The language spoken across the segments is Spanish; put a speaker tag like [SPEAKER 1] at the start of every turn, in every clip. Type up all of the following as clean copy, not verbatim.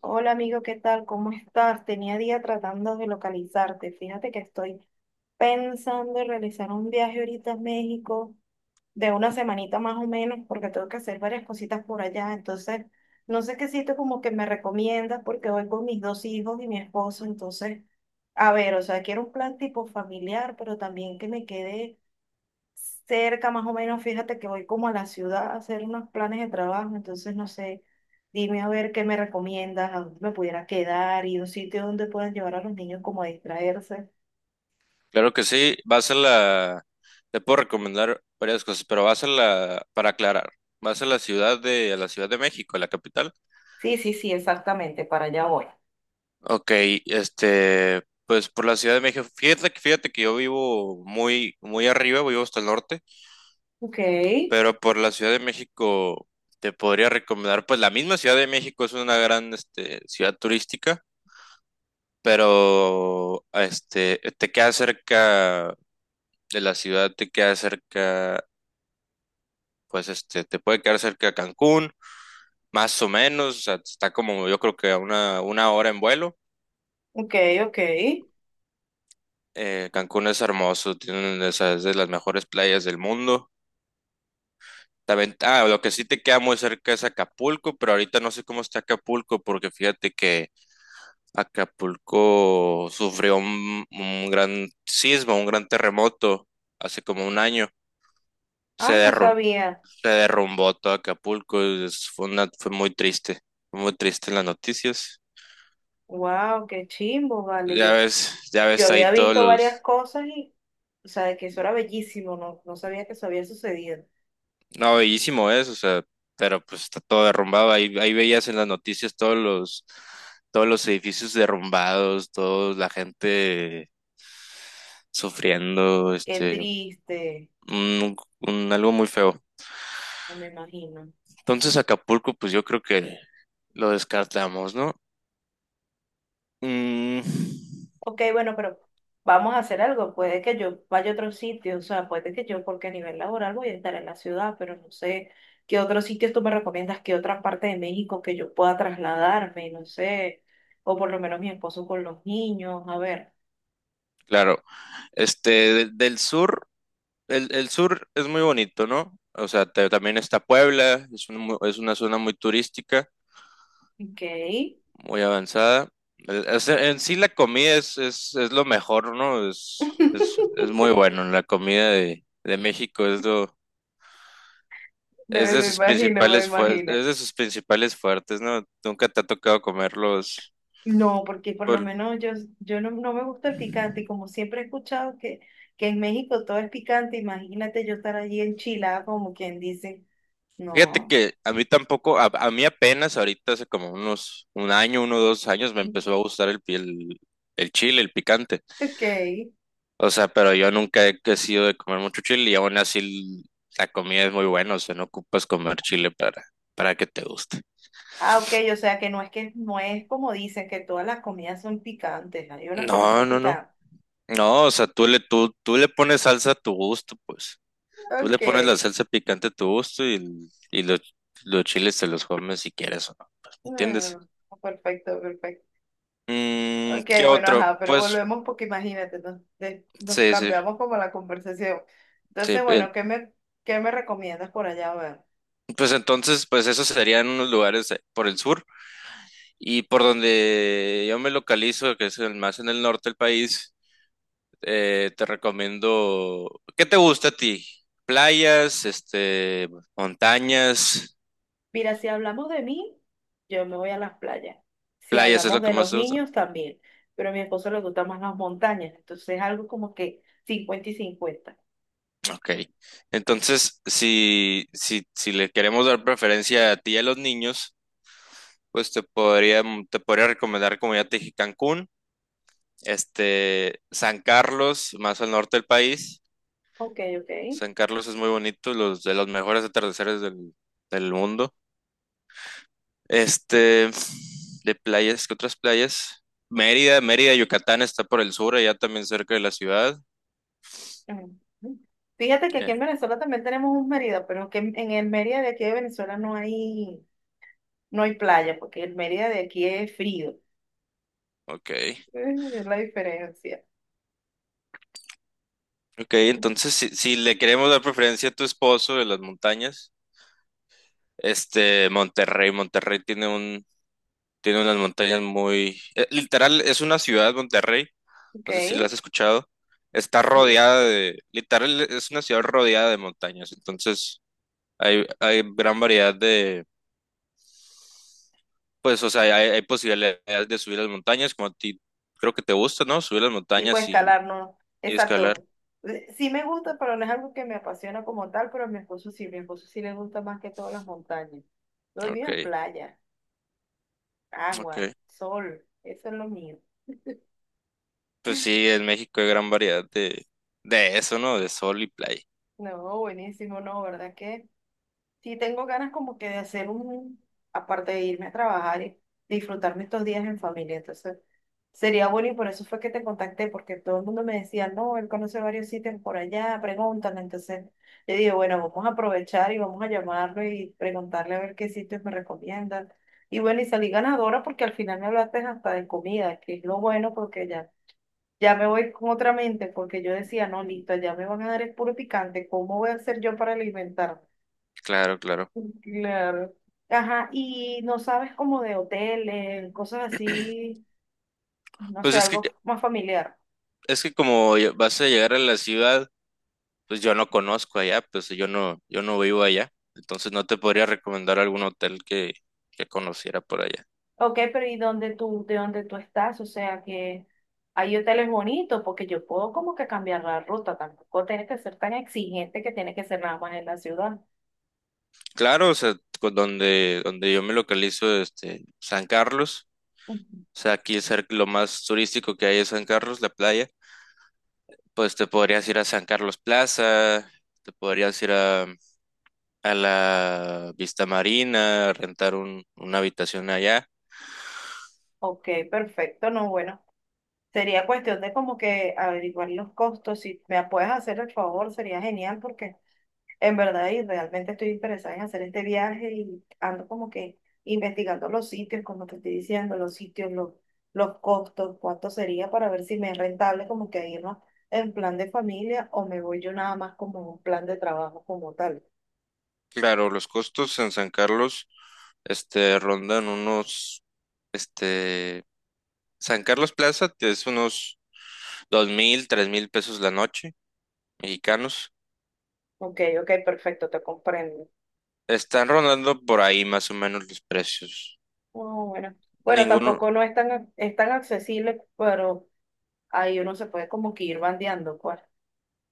[SPEAKER 1] Hola amigo, ¿qué tal? ¿Cómo estás? Tenía día tratando de localizarte. Fíjate que estoy pensando en realizar un viaje ahorita a México de una semanita más o menos porque tengo que hacer varias cositas por allá. Entonces, no sé qué sitio como que me recomiendas porque voy con mis dos hijos y mi esposo. Entonces, a ver, o sea, quiero un plan tipo familiar, pero también que me quede cerca más o menos, fíjate que voy como a la ciudad a hacer unos planes de trabajo, entonces no sé, dime a ver qué me recomiendas, a dónde me pudiera quedar y un sitio donde puedan llevar a los niños como a distraerse.
[SPEAKER 2] Claro que sí, vas a la, te puedo recomendar varias cosas, pero vas a la, para aclarar, vas a la ciudad de, a la Ciudad de México, a la capital.
[SPEAKER 1] Sí, sí, sí, exactamente, para allá voy.
[SPEAKER 2] Ok, este, pues por la Ciudad de México, fíjate que yo vivo muy, muy arriba, vivo hasta el norte,
[SPEAKER 1] Ok,
[SPEAKER 2] pero por la Ciudad de México te podría recomendar, pues la misma Ciudad de México es una gran, este, ciudad turística, pero, este, te queda cerca de la ciudad, te queda cerca pues este, te puede quedar cerca de Cancún, más o menos, o sea, está como yo creo que a una hora en vuelo.
[SPEAKER 1] ok, ok.
[SPEAKER 2] Cancún es hermoso, tiene esas de las mejores playas del mundo. También, ah, lo que sí te queda muy cerca es Acapulco, pero ahorita no sé cómo está Acapulco, porque fíjate que Acapulco sufrió un gran sismo, un gran terremoto hace como un año. Se
[SPEAKER 1] Ay, no
[SPEAKER 2] derru-
[SPEAKER 1] sabía.
[SPEAKER 2] se derrumbó todo Acapulco, fue muy triste en las noticias.
[SPEAKER 1] Wow, qué chimbo, vale. Yo,
[SPEAKER 2] Ya
[SPEAKER 1] yo
[SPEAKER 2] ves
[SPEAKER 1] había
[SPEAKER 2] ahí todos
[SPEAKER 1] visto varias
[SPEAKER 2] los...
[SPEAKER 1] cosas y, o sea, de que eso era bellísimo, no, no sabía que eso había sucedido.
[SPEAKER 2] No, bellísimo es, o sea, pero pues está todo derrumbado. Ahí veías en las noticias todos los edificios derrumbados, toda la gente sufriendo,
[SPEAKER 1] Qué
[SPEAKER 2] este,
[SPEAKER 1] triste,
[SPEAKER 2] algo muy feo.
[SPEAKER 1] no me imagino.
[SPEAKER 2] Entonces Acapulco, pues yo creo que lo descartamos, ¿no? Mm,
[SPEAKER 1] Ok, bueno, pero vamos a hacer algo. Puede que yo vaya a otro sitio, o sea, puede que yo, porque a nivel laboral voy a estar en la ciudad, pero no sé qué otros sitios tú me recomiendas, qué otra parte de México que yo pueda trasladarme, no sé, o por lo menos mi esposo con los niños, a ver,
[SPEAKER 2] claro, este, del sur, el sur es muy bonito, ¿no? O sea, también está Puebla, es una zona muy turística.
[SPEAKER 1] ok.
[SPEAKER 2] Muy avanzada. En sí la comida es lo mejor, ¿no? Es, es, es muy bueno. La comida de México es lo,
[SPEAKER 1] No,
[SPEAKER 2] es de
[SPEAKER 1] me
[SPEAKER 2] sus
[SPEAKER 1] imagino, me
[SPEAKER 2] principales fuer-
[SPEAKER 1] imagino.
[SPEAKER 2] es de sus principales fuertes, ¿no? Nunca te ha tocado comerlos.
[SPEAKER 1] No, porque por lo
[SPEAKER 2] Pues,
[SPEAKER 1] menos yo no, no me gusta el picante y como siempre he escuchado que en México todo es picante, imagínate yo estar allí en Chile, como quien dice,
[SPEAKER 2] fíjate
[SPEAKER 1] no.
[SPEAKER 2] que a mí tampoco, a mí apenas ahorita hace como un año, uno o dos años me
[SPEAKER 1] Ok.
[SPEAKER 2] empezó a gustar el chile, el picante. O sea, pero yo nunca he que sido de comer mucho chile y aún así la comida es muy buena, o sea, no ocupas comer chile para que te guste.
[SPEAKER 1] Ah, ok, o sea que no es como dicen que todas las comidas son picantes, hay unas que no
[SPEAKER 2] No,
[SPEAKER 1] son
[SPEAKER 2] no, no.
[SPEAKER 1] picantes.
[SPEAKER 2] No, o sea, tú le pones salsa a tu gusto, pues. Tú le
[SPEAKER 1] Ok.
[SPEAKER 2] pones la salsa picante a tu gusto y, y los chiles te los comes si quieres o no, ¿entiendes?
[SPEAKER 1] Mm, perfecto, perfecto.
[SPEAKER 2] Mm,
[SPEAKER 1] Ok,
[SPEAKER 2] ¿qué
[SPEAKER 1] bueno,
[SPEAKER 2] otro?
[SPEAKER 1] ajá, pero
[SPEAKER 2] Pues,
[SPEAKER 1] volvemos porque imagínate, nos
[SPEAKER 2] sí, sí,
[SPEAKER 1] cambiamos como la conversación.
[SPEAKER 2] sí.
[SPEAKER 1] Entonces, bueno, ¿qué me recomiendas por allá? A ver.
[SPEAKER 2] Pues entonces, pues esos serían unos lugares por el sur y por donde yo me localizo, que es el más en el norte del país. Te recomiendo. ¿Qué te gusta a ti? Playas, este, montañas.
[SPEAKER 1] Mira, si hablamos de mí, yo me voy a las playas. Si
[SPEAKER 2] Playas es
[SPEAKER 1] hablamos
[SPEAKER 2] lo
[SPEAKER 1] de
[SPEAKER 2] que más
[SPEAKER 1] los
[SPEAKER 2] te gusta.
[SPEAKER 1] niños, también. Pero a mi esposo le gustan más las montañas, entonces es algo como que 50 y 50.
[SPEAKER 2] Ok. Entonces, si le queremos dar preferencia a ti y a los niños, pues te podría recomendar, como ya te dije, Cancún, este, San Carlos, más al norte del país.
[SPEAKER 1] Ok, ok.
[SPEAKER 2] San Carlos es muy bonito, los de los mejores atardeceres del mundo. Este, de playas, ¿qué otras playas? Mérida, Yucatán está por el sur, allá también cerca de la ciudad.
[SPEAKER 1] Ujú. Fíjate que aquí en
[SPEAKER 2] Eh,
[SPEAKER 1] Venezuela también tenemos un Mérida, pero que en el Mérida de aquí de Venezuela no hay, no hay playa, porque el Mérida de aquí es frío.
[SPEAKER 2] ok,
[SPEAKER 1] Es la diferencia.
[SPEAKER 2] ok, entonces si le queremos dar preferencia a tu esposo de las montañas, este, Monterrey, Monterrey tiene unas montañas muy, literal, es una ciudad, Monterrey,
[SPEAKER 1] Ok,
[SPEAKER 2] no sé si la has escuchado, está
[SPEAKER 1] sí.
[SPEAKER 2] rodeada de, literal, es una ciudad rodeada de montañas, entonces hay gran variedad. Pues, o sea, hay posibilidades de subir las montañas, como a ti creo que te gusta, ¿no? Subir las
[SPEAKER 1] Tipo
[SPEAKER 2] montañas
[SPEAKER 1] escalar, no.
[SPEAKER 2] y escalar.
[SPEAKER 1] Exacto. Sí me gusta, pero no es algo que me apasiona como tal, pero a mi esposo sí le gusta más que todas las montañas. Lo mío
[SPEAKER 2] Ok,
[SPEAKER 1] es playa, agua,
[SPEAKER 2] ok.
[SPEAKER 1] sol, eso es lo mío.
[SPEAKER 2] Pues sí, en México hay gran variedad de eso, ¿no? De sol y playa.
[SPEAKER 1] No, buenísimo, no, ¿verdad que? Sí, tengo ganas como que de hacer un, aparte de irme a trabajar y disfrutarme estos días en familia. Entonces, sería bueno y por eso fue que te contacté, porque todo el mundo me decía, no, él conoce varios sitios por allá, pregúntale. Entonces, yo dije, bueno, vamos a aprovechar y vamos a llamarlo y preguntarle a ver qué sitios me recomiendan. Y bueno, y salí ganadora porque al final me hablaste hasta de comida, que es lo bueno porque ya, ya me voy con otra mente, porque yo decía, no, listo, ya me van a dar el puro picante, ¿cómo voy a hacer yo para alimentarme?
[SPEAKER 2] Claro, claro.
[SPEAKER 1] Claro. Ajá, y no sabes como de hoteles, cosas así, no
[SPEAKER 2] Pues
[SPEAKER 1] sé,
[SPEAKER 2] es que,
[SPEAKER 1] algo más familiar.
[SPEAKER 2] es que como ya vas a llegar a la ciudad, pues yo no conozco allá, pues yo no vivo allá. Entonces no te podría recomendar algún hotel que conociera por allá.
[SPEAKER 1] Ok, pero ¿y de dónde tú estás? O sea, que hay hoteles bonitos, porque yo puedo como que cambiar la ruta, tampoco tienes que ser tan exigente que tiene que ser nada más en la ciudad.
[SPEAKER 2] Claro, o sea, donde yo me localizo, este, San Carlos.
[SPEAKER 1] Ujú.
[SPEAKER 2] O sea, aquí cerca- lo más turístico que hay es San Carlos, la playa. Pues te podrías ir a San Carlos Plaza, te podrías ir a, la Vista Marina, a rentar una habitación allá.
[SPEAKER 1] Ok, perfecto, no, bueno, sería cuestión de como que averiguar los costos, si me puedes hacer el favor, sería genial, porque en verdad, y realmente estoy interesada en hacer este viaje y ando como que investigando los sitios, como te estoy diciendo, los sitios, los costos, cuánto sería para ver si me es rentable como que irnos en plan de familia o me voy yo nada más como un plan de trabajo como tal.
[SPEAKER 2] Claro, los costos en San Carlos, este, rondan unos, este, San Carlos Plaza te es unos 2000, 3000 pesos la noche, mexicanos.
[SPEAKER 1] Ok, ok, perfecto, te comprendo.
[SPEAKER 2] Están rondando por ahí más o menos los precios.
[SPEAKER 1] Oh, bueno, bueno,
[SPEAKER 2] Ninguno,
[SPEAKER 1] tampoco no es tan accesible, pero ahí uno se puede como que ir bandeando, pues.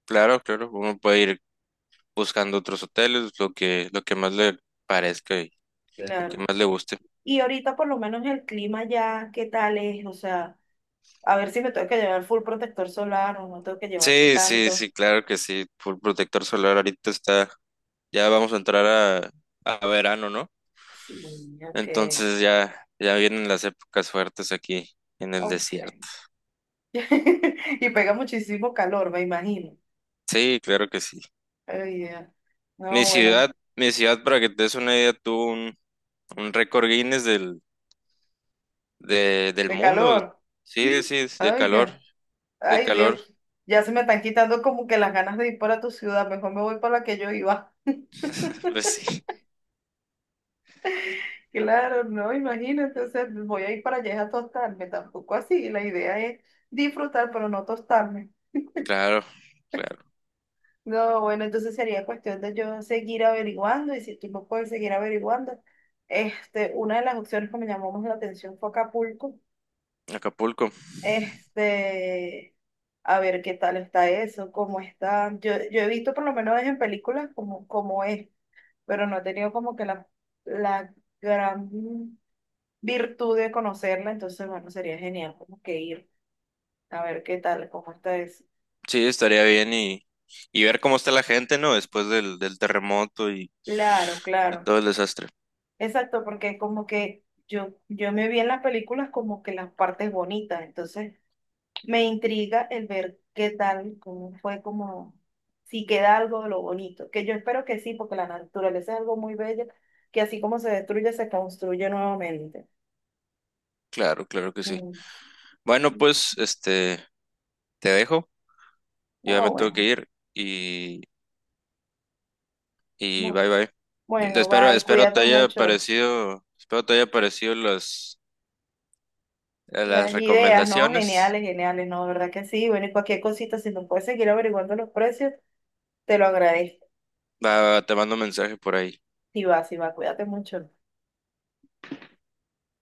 [SPEAKER 2] claro, claro, uno puede ir buscando otros hoteles, lo que más le parezca y lo que
[SPEAKER 1] Claro.
[SPEAKER 2] más le guste.
[SPEAKER 1] Y ahorita por lo menos el clima ya, ¿qué tal es? O sea... A ver si me tengo que llevar full protector solar o no tengo que llevarme
[SPEAKER 2] Sí, sí,
[SPEAKER 1] tanto.
[SPEAKER 2] sí, claro que sí. Full protector solar ahorita está, ya vamos a entrar a verano, ¿no?
[SPEAKER 1] Sí, ok.
[SPEAKER 2] Entonces ya vienen las épocas fuertes aquí en el
[SPEAKER 1] Ok.
[SPEAKER 2] desierto.
[SPEAKER 1] Y pega muchísimo calor, me imagino.
[SPEAKER 2] Sí, claro que sí.
[SPEAKER 1] Ay, Dios.
[SPEAKER 2] Mi
[SPEAKER 1] No, bueno,
[SPEAKER 2] ciudad, mi ciudad, para que te des una idea, tuvo un récord Guinness del
[SPEAKER 1] de
[SPEAKER 2] mundo.
[SPEAKER 1] calor.
[SPEAKER 2] Sí, sí, es de
[SPEAKER 1] Ay, Dios.
[SPEAKER 2] calor, de
[SPEAKER 1] Ay, Dios.
[SPEAKER 2] calor.
[SPEAKER 1] Ya se me están quitando como que las ganas de ir para tu ciudad. Mejor me voy para la que yo iba.
[SPEAKER 2] Pues sí,
[SPEAKER 1] Claro, no, imagínate. O sea, voy a ir para allá a tostarme. Tampoco así. La idea es disfrutar, pero no tostarme.
[SPEAKER 2] claro, claro.
[SPEAKER 1] No, bueno, entonces sería cuestión de yo seguir averiguando y si tú no puedes seguir averiguando. Una de las opciones que me llamó más la atención fue Acapulco.
[SPEAKER 2] Acapulco.
[SPEAKER 1] Este, a ver qué tal está eso, cómo está. Yo he visto por lo menos en películas cómo es, pero no he tenido como que la gran virtud de conocerla, entonces bueno, sería genial como que ir a ver qué tal, cómo está eso.
[SPEAKER 2] Sí, estaría bien y ver cómo está la gente, ¿no? Después del terremoto
[SPEAKER 1] Claro,
[SPEAKER 2] y
[SPEAKER 1] claro.
[SPEAKER 2] todo el desastre.
[SPEAKER 1] Exacto, porque como que yo me vi en las películas como que las partes bonitas, entonces me intriga el ver qué tal, cómo fue como, si queda algo de lo bonito, que yo espero que sí, porque la naturaleza es algo muy bello, que así como se destruye, se construye nuevamente.
[SPEAKER 2] Claro, claro que sí.
[SPEAKER 1] Mm.
[SPEAKER 2] Bueno, pues, este, te dejo, ya
[SPEAKER 1] Ah,
[SPEAKER 2] me tengo
[SPEAKER 1] bueno.
[SPEAKER 2] que ir y, y,
[SPEAKER 1] Bu-
[SPEAKER 2] bye bye.
[SPEAKER 1] Bueno,
[SPEAKER 2] Espero,
[SPEAKER 1] bye,
[SPEAKER 2] espero te
[SPEAKER 1] cuídate
[SPEAKER 2] haya
[SPEAKER 1] mucho.
[SPEAKER 2] parecido, las
[SPEAKER 1] Las ideas, ¿no?
[SPEAKER 2] recomendaciones.
[SPEAKER 1] Geniales, geniales, ¿no? ¿Verdad que sí? Bueno, y cualquier cosita, si nos puedes seguir averiguando los precios, te lo agradezco.
[SPEAKER 2] Va, te mando un mensaje por ahí.
[SPEAKER 1] Si va, si va, cuídate mucho.